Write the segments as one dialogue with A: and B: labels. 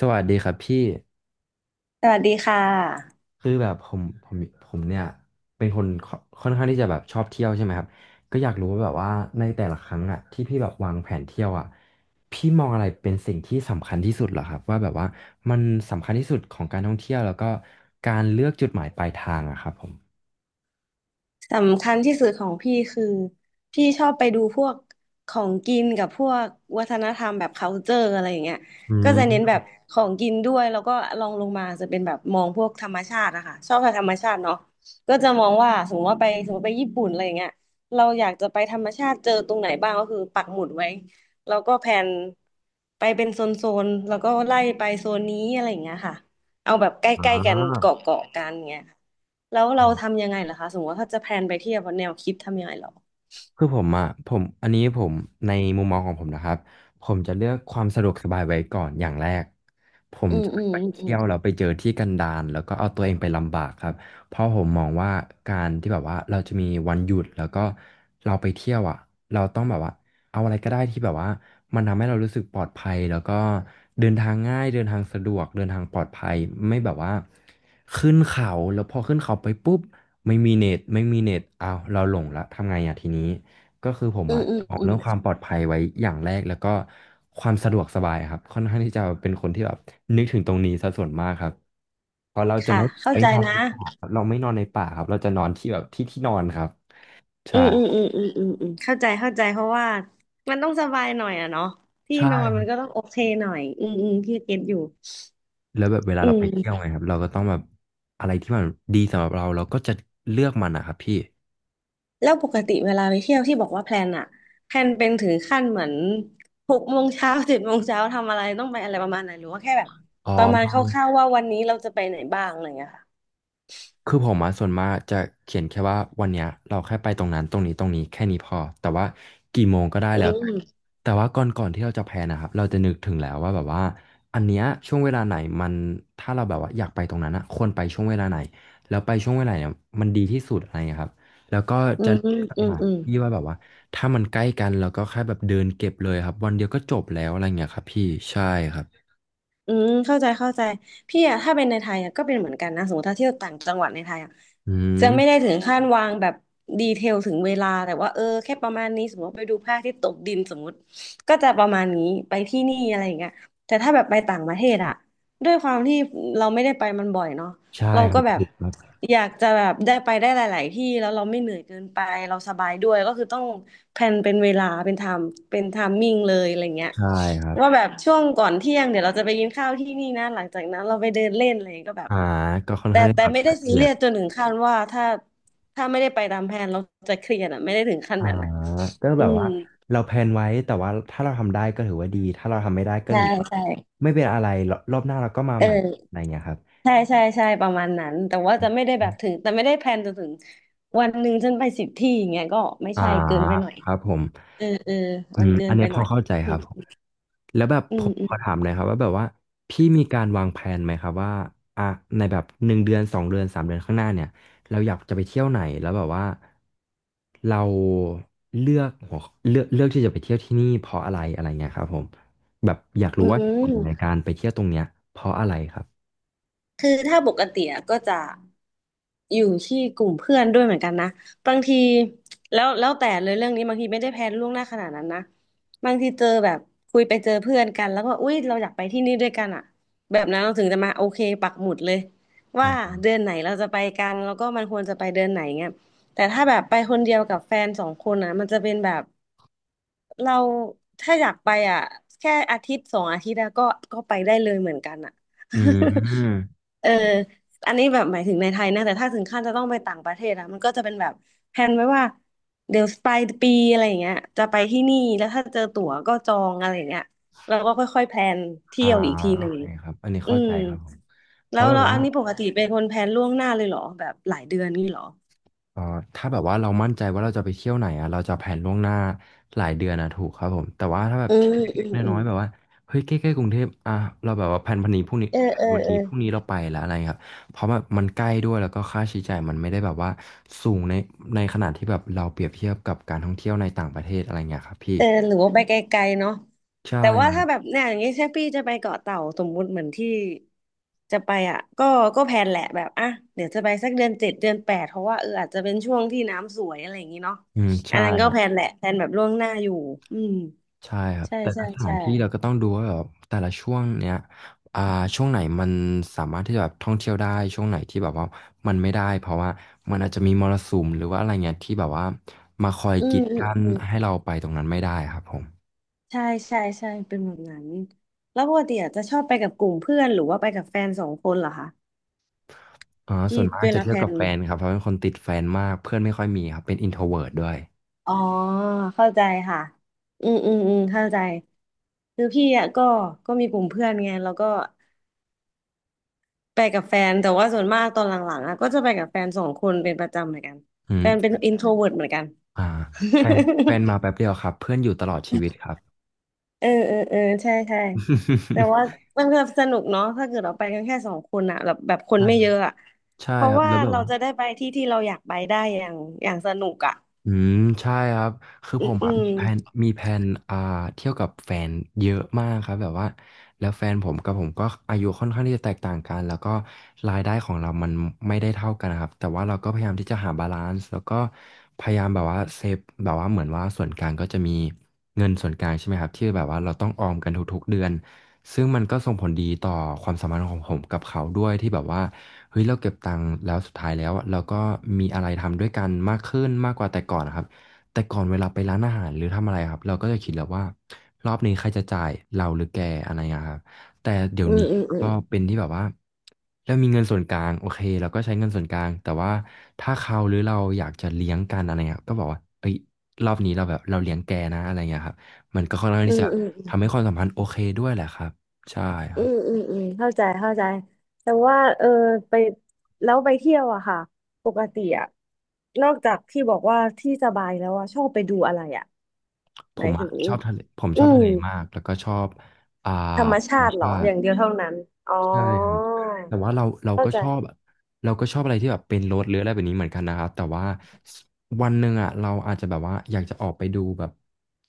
A: สวัสดีครับพี่
B: สวัสดีค่ะ
A: คือแบบผมผมเนี่ยเป็นคนค่อนข้างที่จะแบบชอบเที่ยวใช่ไหมครับก็อยากรู้ว่าแบบว่าในแต่ละครั้งอ่ะที่พี่แบบวางแผนเที่ยวอ่ะพี่มองอะไรเป็นสิ่งที่สำคัญที่สุดเหรอครับว่าแบบว่ามันสำคัญที่สุดของการท่องเที่ยวแล้วก็การเลือกจุดหมายปลายทางอะครับผม
B: สำคัญที่สุดของพี่คือพี่ชอบไปดูพวกของกินกับพวกวัฒนธรรมแบบ culture อะไรอย่างเงี้ย
A: อื
B: ก็จะเน้นแบ
A: ม
B: บของกินด้วยแล้วก็ลองลงมาจะเป็นแบบมองพวกธรรมชาติอะค่ะชอบกับธรรมชาติเนาะก็จะมองว่าสมมติว่าไปสมมติไปญี่ปุ่นอะไรอย่างเงี้ยเราอยากจะไปธรรมชาติเจอตรงไหนบ้างก็คือปักหมุดไว้แล้วก็แผนไปเป็นโซนๆแล้วก็ไล่ไปโซนนี้อะไรอย่างเงี้ยค่ะ เอาแบบใกล้ๆกันเกาะกันเงี้ยค่ะแล้วเราทำยังไงล่ะคะสมมติว่าถ้าจะแพลนไปเที่ยวแนวคิดทำยังไงเหรอ
A: คือผมอ่ะผมอันนี้ผมในมุมมองของผมนะครับผมจะเลือกความสะดวกสบายไว้ก่อนอย่างแรกผม
B: อืม
A: จะ
B: อื
A: ไม่
B: ม
A: ไป
B: อื
A: เที่
B: ม
A: ยวแล้วไปเจอที่กันดารแล้วก็เอาตัวเองไปลำบากครับเพราะผมมองว่าการที่แบบว่าเราจะมีวันหยุดแล้วก็เราไปเที่ยวอ่ะเราต้องแบบว่าเอาอะไรก็ได้ที่แบบว่ามันทำให้เรารู้สึกปลอดภัยแล้วก็เดินทางง่ายเดินทางสะดวกเดินทางปลอดภัยไม่แบบว่าขึ้นเขาแล้วพอขึ้นเขาไปปุ๊บไม่มีเน็ตอ้าวเราหลงละทำไงอ่ะทีนี้ ก็คือผม
B: อื
A: อะ
B: มอืม
A: เอา
B: อื
A: เรื่
B: ม
A: องความปลอดภัยไว้อย่างแรกแล้วก็ความสะดวกสบายครับค่อนข้างที่จะเป็นคนที่แบบนึกถึงตรงนี้ซะส่วนมากครับเพราะเราจะ
B: ค่ะ
A: ไม่
B: เข้า
A: ไป
B: ใจ
A: นอน
B: นะ
A: ในป่าครับเราไม่นอนในป่าครับเราจะนอนที่แบบที่นอนครับ
B: อื
A: ใช่
B: มอืมอืมอืมอืมอืมเข้าใจเข้าใจเพราะว่ามันต้องสบายหน่อยอะเนาะที่
A: ใช่
B: นอน
A: ค
B: มั
A: รั
B: น
A: บ
B: ก็ต้องโอเคหน่อยอืมอืมพี่เก็ตอยู่
A: แล้วแบบเวลา
B: อื
A: เราไปเที่ยว
B: ม
A: ไงครับเราก็ต้องแบบอะไรที่มันดีสำหรับเราเราก็จะเลือกมันนะครับพี่
B: แล้วปกติเวลาไปเที่ยวที่บอกว่าแพลนอะแพลนเป็นถึงขั้นเหมือนหกโมงเช้าเจ็ดโมงเช้าทำอะไรต้องไปอะไรประมาณไหนหรือว่าแค่แบบ
A: อ๋อ
B: ประมาณคร่าวๆว่าวันนี้เราจะไปไหนบ้างอะไรอย่างเงี้ย
A: คือผมมาส่วนมากจะเขียนแค่ว่าวันเนี้ยเราแค่ไปตรงนั้นตรงนี้แค่นี้พอแต่ว่ากี่โมงก็ได้
B: อื
A: แล้ว
B: ม
A: แต่ว่าก่อนที่เราจะแพลนนะครับเราจะนึกถึงแล้วว่าแบบว่าอันเนี้ยช่วงเวลาไหนมันถ้าเราแบบว่าอยากไปตรงนั้นอะควรไปช่วงเวลาไหนแล้วไปช่วงเวลาเนี่ยมันดีที่สุดอะไรอย่างเงี้ยครับแล้วก็
B: อื
A: จะ
B: มอื
A: ส
B: ม
A: ถาน
B: อืม
A: ที่ว่าแบบว่าถ้ามันใกล้กันเราก็แค่แบบเดินเก็บเลยครับวันเดียวก็จบแล้วอะไรเงี้ยครับพี่ใช่ครับ
B: อืมเข้าใจเข้าใจพี่อะถ้าเป็นในไทยอะก็เป็นเหมือนกันนะสมมติถ้าเที่ยวต่างจังหวัดในไทยอะ
A: อื
B: จะไม่ได้
A: ม
B: ถึงขั้นวางแบบดีเทลถึงเวลาแต่ว่าเออแค่ประมาณนี้สมมติไปดูพระอาทิตย์ตกดินสมมติก็จะประมาณนี้ไปที่นี่อะไรอย่างเงี้ยแต่ถ้าแบบไปต่างประเทศอะด้วยความที่เราไม่ได้ไปมันบ่อยเนาะ
A: ใช่
B: เรา
A: ครั
B: ก็
A: บ
B: แบบ
A: ถูกครับ
B: อยากจะแบบได้ไปได้หลายๆที่แล้วเราไม่เหนื่อยเกินไปเราสบายด้วยก็คือต้องแพลนเป็นเวลาเป็นไทม์เป็นไทมมิ่งเลยอะไรเงี้ย
A: ใช่ครับ
B: ว่าแบบช่วงก่อนเที่ยงเดี๋ยวเราจะไปกินข้าวที่นี่นะหลังจากนั้นเราไปเดินเล่นอะไรก็แบบ
A: อ่าก็ค่อน
B: แต่
A: ข้างที่
B: แต่
A: แบบ
B: ไม่ได้
A: ละ
B: ซี
A: เอีย
B: เรี
A: ด
B: ยสจนถึงขั้นว่าถ้าไม่ได้ไปตามแผนเราจะเครียดอ่ะไม่ได้ถึงขั้น
A: อ่า
B: นั้นนะ
A: ก็
B: อื
A: แบบ
B: ม
A: ว่าเราแพลนไว้แต่ว่าถ้าเราทำได้ก็ถือว่าดีถ้าเราทำไม่ได้ก็
B: ใช่
A: ถือว่า
B: ใช่
A: ไม่เป็นอะไรรรอบหน้าเราก็มา
B: เออ
A: ใหม่อะไรเงี้ยครับ
B: ใช่ใช่ใช่ประมาณนั้นแต่ว่าจะไม่ได้แบบถึงแต่ไม่ได้แพลนจนถึงวันหนึ่งฉันไปสิบที่อย่างเงี้ยก็ไม่
A: อ่า
B: ใช่เกินไปหน่อย
A: ครับผม
B: เออเออ
A: อื
B: มัน
A: ม
B: เกิ
A: อั
B: น
A: น
B: ไป
A: เนี้ย
B: ห
A: พ
B: น่อ
A: อ
B: ย
A: เข้าใจ
B: อื
A: ครับ
B: ม
A: แล้วแบบ
B: อื
A: ผ
B: ม
A: มขอถามหน่อยครับว่าแบบว่าพี่มีการวางแผนไหมครับว่าอ่ะในแบบหนึ่งเดือนสองเดือนสามเดือนข้างหน้าเนี่ยเราอยากจะไปเที่ยวไหนแล้วแบบว่าเราเลือกหัวเลือกที่จะไปเที่ยวที่นี่เพราะอะไรอะไรเงี้ยครับผมแบบอยาก
B: อื
A: รู้ว่าเหตุผลใน
B: ม
A: การไปเที่ยวตรงเนี้ยเพราะอะไรครับ
B: คือถ้าปกติอะก็จะ อยู่ที่กลุ่มเพื่อนด้วยเหมือนกันนะบางทีแล้วแต่เลยเรื่องนี้บางทีไม่ได้แพลนล่วงหน้าขนาดนั้นนะบางทีเจอแบบคุยไปเจอเพื่อนกันแล้วก็อุ๊ยเราอยากไปที่นี่ด้วยกันอ่ะแบบนั้นเราถึงจะมาโอเคปักหมุดเลย
A: อ่
B: ว่า
A: า
B: เดือนไหนเราจะไปกันแล้วก็มันควรจะไปเดือนไหนเงี้ยแต่ถ้าแบบไปคนเดียวกับแฟนสองคนอ่ะมันจะเป็นแบบ เราถ้าอยากไปอ่ะแค่อาทิตย์สองอาทิตย์แล้ก็ก็ไปได้เลยเหมือนกันอ่ะ
A: อืม
B: เอออันนี้แบบหมายถึงในไทยนะแต่ถ้าถึงขั้นจะต้องไปต่างประเทศอะมันก็จะเป็นแบบแพนไว้ว่าเดี๋ยวปลายปีอะไรอย่างเงี้ยจะไปที่นี่แล้วถ้าเจอตั๋วก็จองอะไรอย่างเงี้ยแล้วก็ค่อยๆแพลนเที่
A: อ่า
B: ยวอีกที
A: โอ
B: หนึ่ง
A: เคครับอันนี้
B: อื
A: เข้า
B: ม
A: ใจครับผมเพ
B: แล้
A: ราะ
B: ว
A: แบบ
B: แล้ว
A: ว่า
B: อันนี้ปกติเป็นคนแพลนล่วงหน้าเลยเหรอแบบหลายเดือนนี่เหรอ
A: เอ่อถ้าแบบว่าเรามั่นใจว่าเราจะไปเที่ยวไหนอ่ะเราจะแผนล่วงหน้าหลายเดือนนะถูกครับผมแต่ว่าถ้าแบบ
B: อื
A: ที่
B: ม
A: เล็
B: อื
A: ก
B: ม
A: ๆ
B: อื
A: น้อ
B: ม
A: ยๆแบบว่าเฮ้ยใกล้ๆกรุงเทพอ่ะเราแบบว่าแผนพันนี้พรุ่งนี้
B: เออ
A: แผ
B: เอ
A: นวั
B: อ
A: น
B: เอ
A: นี้
B: อ
A: พรุ่งนี้เราไปแล้วอะไรครับเพราะแบบมันใกล้ด้วยแล้วก็ค่าใช้จ่ายมันไม่ได้แบบว่าสูงในขนาดที่แบบเราเปรียบเทียบกับการท่องเที่ยวในต่างประเทศอะไรเงี้ยครับพี่
B: เออหรือว่าไปไกลๆเนาะ
A: ใช่
B: แต่ว่า
A: ครั
B: ถ้าแบ
A: บ
B: บเนี่ยอย่างงี้ใช่พี่จะไปเกาะเต่าสมมุติเหมือนที่จะไปอ่ะก็ก็แพลนแหละแบบอ่ะเดี๋ยวจะไปสักเดือนเจ็ดเดือนแปดเพราะว่าเอออาจจะเป็นช่วงที่น้ำสวยอะไรอย่างงี้เนาะ
A: อืม
B: อั
A: ใช่
B: นนั้นก็
A: ครั
B: แพล
A: บ
B: นแหละแพลนแบบล่วงหน้าอยู่อืม
A: ใช่ครับ
B: ใช่
A: แต่
B: ใช่
A: ละสถา
B: ใช่
A: นที่เราก็ต้องดูว่าแบบแต่ละช่วงเนี้ยอ่าช่วงไหนมันสามารถที่จะแบบท่องเที่ยวได้ช่วงไหนที่แบบว่ามันไม่ได้เพราะว่ามันอาจจะมีมรสุมหรือว่าอะไรเงี้ยที่แบบว่ามาคอย
B: อื
A: กี
B: ม
A: ด
B: อืม
A: กัน
B: อืม
A: ให้เราไปตรงนั้นไม่ได้ครับผม
B: ใช่ใช่ใช่เป็นแบบนั้นแล้วปกติอะจะชอบไปกับกลุ่มเพื่อนหรือว่าไปกับแฟนสองคนเหรอคะ
A: อ่าส่
B: ที่
A: วนมาก
B: เว
A: จะ
B: ลา
A: เที่
B: แพ
A: ยว
B: ล
A: กับ
B: น
A: แฟนครับเพราะเป็นคนติดแฟนมากเพื่อนไม่ค่อยมีครับเป็นอินโทรเวิร์ด้วย
B: อ๋อเข้าใจค่ะอืมอืมอืมเข้าใจคือพี่อ่ะก็ก็มีกลุ่มเพื่อนไงแล้วก็ไปกับแฟนแต่ว่าส่วนมากตอนหลังๆอ่ะก็จะไปกับแฟนสองคนเป็นประจำเหมือนกัน
A: อื
B: แฟ
A: ม
B: นเป็นอินโทรเวิร์เหมือนกัน
A: อ่าแฟนมาแป๊ บเดียวครับเพื่อนอยู่ตลอดชีวิตครับ
B: เออเออเออใช่ใช่แต่ว่า มันก็สนุกเนาะถ้าเกิดเราไปกันแค่สองคนอะแบบคน
A: ใช่
B: ไม่
A: ครั
B: เย
A: บ
B: อะอะ
A: ใช่
B: เพ
A: ค
B: ราะ
A: รับ
B: ว่า
A: แล้วแบบ
B: เรา
A: ว่า
B: จะได้ไปที่ที่เราอยากไปได้อย่างอย่างสนุกอะ
A: อืมใช่ครับคือผม
B: อื
A: อะ
B: ม
A: มีแผนอ่าเที่ยวกับแฟนเยอะมากครับแบบว่าแล้วแฟนผมกับผมก็อายุค่อนข้างที่จะแตกต่างกันแล้วก็รายได้ของเรามันไม่ได้เท่ากันนะครับแต่ว่าเราก็พยายามที่จะหาบาลานซ์แล้วก็พยายามแบบว่าเซฟแบบว่าเหมือนว่าส่วนกลางก็จะมี เงินส่วนกลางใช่ไหมครับที่แบบว่าเราต้องออมกันทุกๆเดือนซึ่งมันก็ส่งผลดีต่อความสัมพันธ์ของผมกับเขาด้วยที่แบบว่าเฮ้ยเราเก็บตังค์แล้วสุดท้ายแล้วอะเราก็มีอะไรทำด้วยกันมากขึ้นมากกว่าแต่ก่อนนะครับแต่ก่อนเวลาไปร้านอาหารหรือทำอะไรครับเราก็จะคิดแล้วว่ารอบนี้ใครจะจ่ายเราหรือแกอะไรอย่างเงี้ยครับ แต่เดี๋ยว
B: อืม
A: นี้
B: อืมอืม
A: ก็เป็นที่แบบว่าเรามีเงินส่วนกลางโอเคเราก็ใช้เงินส่วนกลางแต่ว่าถ้าเขาหรือเราอยากจะเลี้ยงกันอะไรเงี้ยก็บอกว่าเอ้ยรอบนี้เราแบบเราเลี้ยงแกนะอะไรเงี้ยครับมันก็ค่อนข้าง
B: อื
A: ที่
B: ม
A: จะ
B: อืม
A: ทำให้ความสัมพันธ์โอเคด้วยแหละครับใช่ค
B: อื
A: รับ
B: มอืมอืมเข้าใจเข้าใจแต่ว่าเออไปแล้วไปเที่ยวอะค่ะปกติอะนอกจากที่บอกว่าที่สบายแล้วอะชอบไปดูอะไรอะ
A: ผ
B: หมา
A: ม
B: ยถึ
A: อะ
B: ง
A: ชอบทะเลผมช
B: อื
A: อบ
B: ม
A: ทะเลมากแล้วก็ชอบอ่า
B: ธรรม
A: ธร
B: ชา
A: รม
B: ติเหรอ
A: ชา
B: อ
A: ติ
B: ย่างเดียวเท่านั้นอ๋อ
A: ใช่ครับ แต่ว่าเรา
B: เข้า
A: ก็
B: ใจ
A: ชอบแบบเราก็ชอบอะไรที่แบบเป็นรถหรืออะไรแบบนี้เหมือนกันนะครับแต่ว่าวันหนึ่งอ่ะเราอาจจะแบบว่าอยากจะออกไปดูแบบ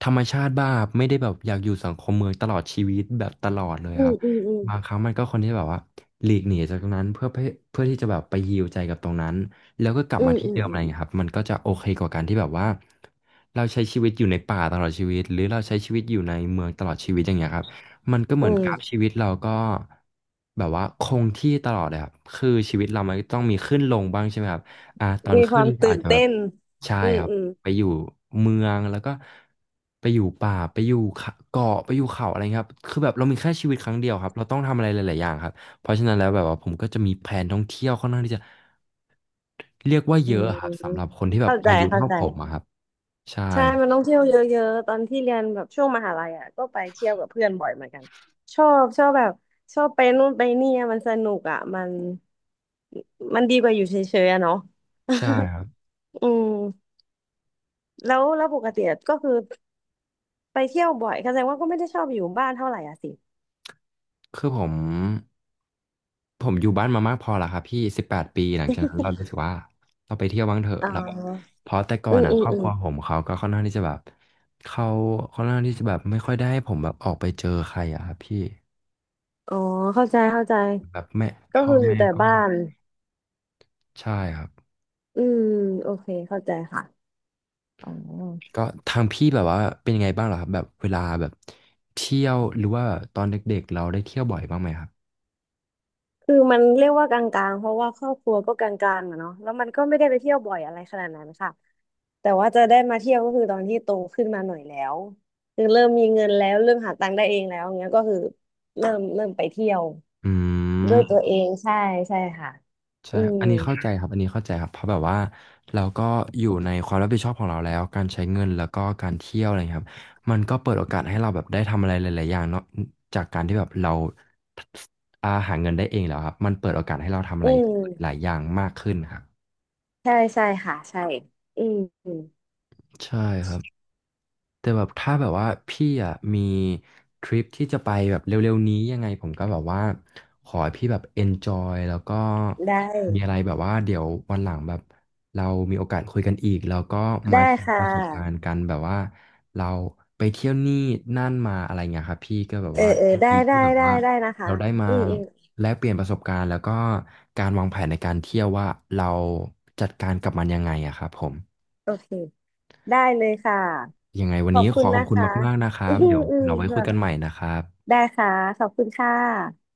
A: ธรรมชาติบ้างครับไม่ได้แบบอยากอยู่สังคมเมืองตลอดชีวิตแบบตลอดเลย
B: อื
A: ครั
B: ม
A: บ
B: อืมอืม
A: บางครั้งมันก็คนที่แบบว่าหลีกหนีจากตรงนั้นเพื่อที่จะแบบไปฮีลใจกับตรงนั้นแล้วก็กลับ
B: อื
A: มา
B: ม
A: ที่
B: อืม
A: เดิม
B: อื
A: อะ
B: ม
A: ไรอย่างเงี้ยครับมันก็จะโอเคกว่าการที่แบบว่าเราใช้ชีวิตอยู่ในป่าตลอดชีวิตหรือเราใช้ชีวิตอยู่ในเมืองตลอดชีวิตอย่างเงี้ยครับ มันก็เห
B: อื
A: มือนกราฟ
B: ม
A: ชีวิตเราก็แบบว่าคงที่ตลอดเลยครับคือชีวิตเรามันก็ต้องมีขึ้นลงบ้างใช่ไหมครับอ่าตอน
B: มีค
A: ขึ้
B: วา
A: น
B: ม
A: ก็
B: ตื่
A: อาจ
B: น
A: จะแบ
B: เต้
A: บ
B: น
A: ใช่
B: อืม
A: ครับ
B: อืม
A: ไปอยู่เมืองแล้วก็ไปอยู่ป่าไปอยู่เขาเกาะไปอยู่เขาอะไรเงี้ยครับคือแบบเรามีแค่ชีวิตครั้งเดียวครับเราต้องทำอะไรหลายๆอย่างครับเพราะฉะนั้นแล้วแบบว่าผมก็จะมีแผนท่องเที่ยวค่อนข้างที่จะเรียกว่า
B: อื
A: เยอะ
B: ม
A: ครับสำหรับคนที่แบบ
B: เข้าใจ
A: อายุ
B: เข้า
A: เท่า
B: ใจ
A: ผมอะครับใช่
B: ใช่
A: ครั
B: มันต้อ
A: บ
B: งเที่ยวเยอะๆตอนที่เรียนแบบช่วงมหาลัยอ่ะก็ไปเที่ยวกับเพื่อนบ่อยเหมือนกันชอบแบบชอบไปนู่นไปนี่อะมันสนุกอ่ะมันมันดีกว่าอยู่เฉยๆอะเนาะ
A: ใช่ครับ
B: อืมแล้วปกติอะก็คือไปเที่ยวบ่อยแสดงว่าก็ไม่ได้ชอบอยู่บ้านเท่าไหร่อ่ะสิ
A: คือผมอยู่บ้านมามากพอแล้วครับพี่18 ปีหลังจากนั้นเรารู้สึกว่าเราไปเที่ยวบ้างเถอะ
B: อ๋
A: เราแบบ
B: อ
A: เพราะแต่ก่อ
B: อื
A: น
B: ม
A: อ่ะ
B: อื
A: ค
B: ม
A: รอบ
B: อื
A: ค
B: ม
A: รัวผมเขาก็ค่อนข้างที่จะแบบเขาค่อนข้างที่จะแบบไม่ค่อยได้ให้ผมแบบออกไปเจอใครอ่ะครับพี่
B: อ๋อเข้าใจเข้าใจ
A: แบบแม่
B: ก็
A: พ่อ
B: คืออยู่
A: แม่
B: แต่
A: ก็
B: บ้าน
A: ใช่ครับ
B: อืมโอเค เข้าใจค่ะอ๋อ
A: ก็ทางพี่แบบว่าเป็นยังไงบ้างเหรอครับแบบเวลาแบบเที่ยวหรือว่าตอนเด็กๆเราได้เที่ยวบ่อยบ้างไหมครับ
B: คือมันเรียกว่ากลางๆเพราะว่าครอบครัวก็กลางๆอะเนาะแล้วมันก็ไม่ได้ไปเที่ยวบ่อยอะไรขนาดนั้นค่ะแต่ว่าจะได้มาเที่ยวก็คือตอนที่โตขึ้นมาหน่อยแล้วคือเริ่มมีเงินแล้วเริ่มหาตังค์ได้เองแล้วเงี้ยก็คือเริ่มไปเที่ยว
A: อื
B: ด้วยตัว
A: ม
B: เองใช่ใช่ค่ะ
A: ใช่
B: อื
A: ครับ
B: ม
A: อันนี้เข้าใจครับอันนี้เข้าใจครับ เพราะแบบว่าเราก็อยู่ในความรับผิดชอบของเราแล้ว การใช้เงินแล้วก็การเที่ยวอะไรอย่างเงี้ยครับมันก็เปิดโอกาสให้เราแบบได้ทำอะไรหลายๆอย่างเนาะจากการที่แบบเราอาหาเงินได้เองแล้วครับมันเปิดโอกาสให้เราทำอะ
B: อื
A: ไรหลา
B: ม
A: ยอย่างมากขึ้นครับ
B: ใช่ใช่ค่ะใช่อืมอืม
A: ใช่ครับ แต่แบบถ้าแบบว่าพี่อ่ะมีทริปที่จะไปแบบเร็วๆนี้ยังไงผมก็แบบว่าขอให้พี่แบบ enjoy แล้วก็
B: ได้
A: มีอะไรแบบว่าเดี๋ยววันหลังแบบเรามีโอกาสคุยกันอีกแล้วก็มา
B: ได้
A: ถึง
B: ค่
A: ประสบการณ์
B: ะ
A: กันแบบว่าเราไปเที่ยวนี่นั่นมาอะไรเงี้ยครับพี่ก็แบบ
B: เออ
A: ว่า
B: เออ
A: ยิน
B: ได้
A: ดี
B: ได้
A: ที่แบบ
B: ได้
A: ว่า
B: ได้นะคะ
A: เราได้มา
B: อืมอืม
A: แลกเปลี่ยนประสบการณ์แล้วก็การวางแผนในการเที่ยวว่าเราจัดการกับมันยังไงอะครับผม
B: โอเคได้เลยค่ะ
A: ยังไงวั
B: ข
A: น
B: อบ
A: นี้
B: คุ
A: ข
B: ณ
A: อข
B: นะ
A: อบคุณ
B: คะ
A: มากๆนะค
B: อื
A: รับ
B: ม
A: เดี๋ยว
B: อืม
A: เราไว้
B: แบ
A: คุย
B: บ
A: กันใหม่นะครับ
B: ได้ค่ะ ขอบคุณค่ะ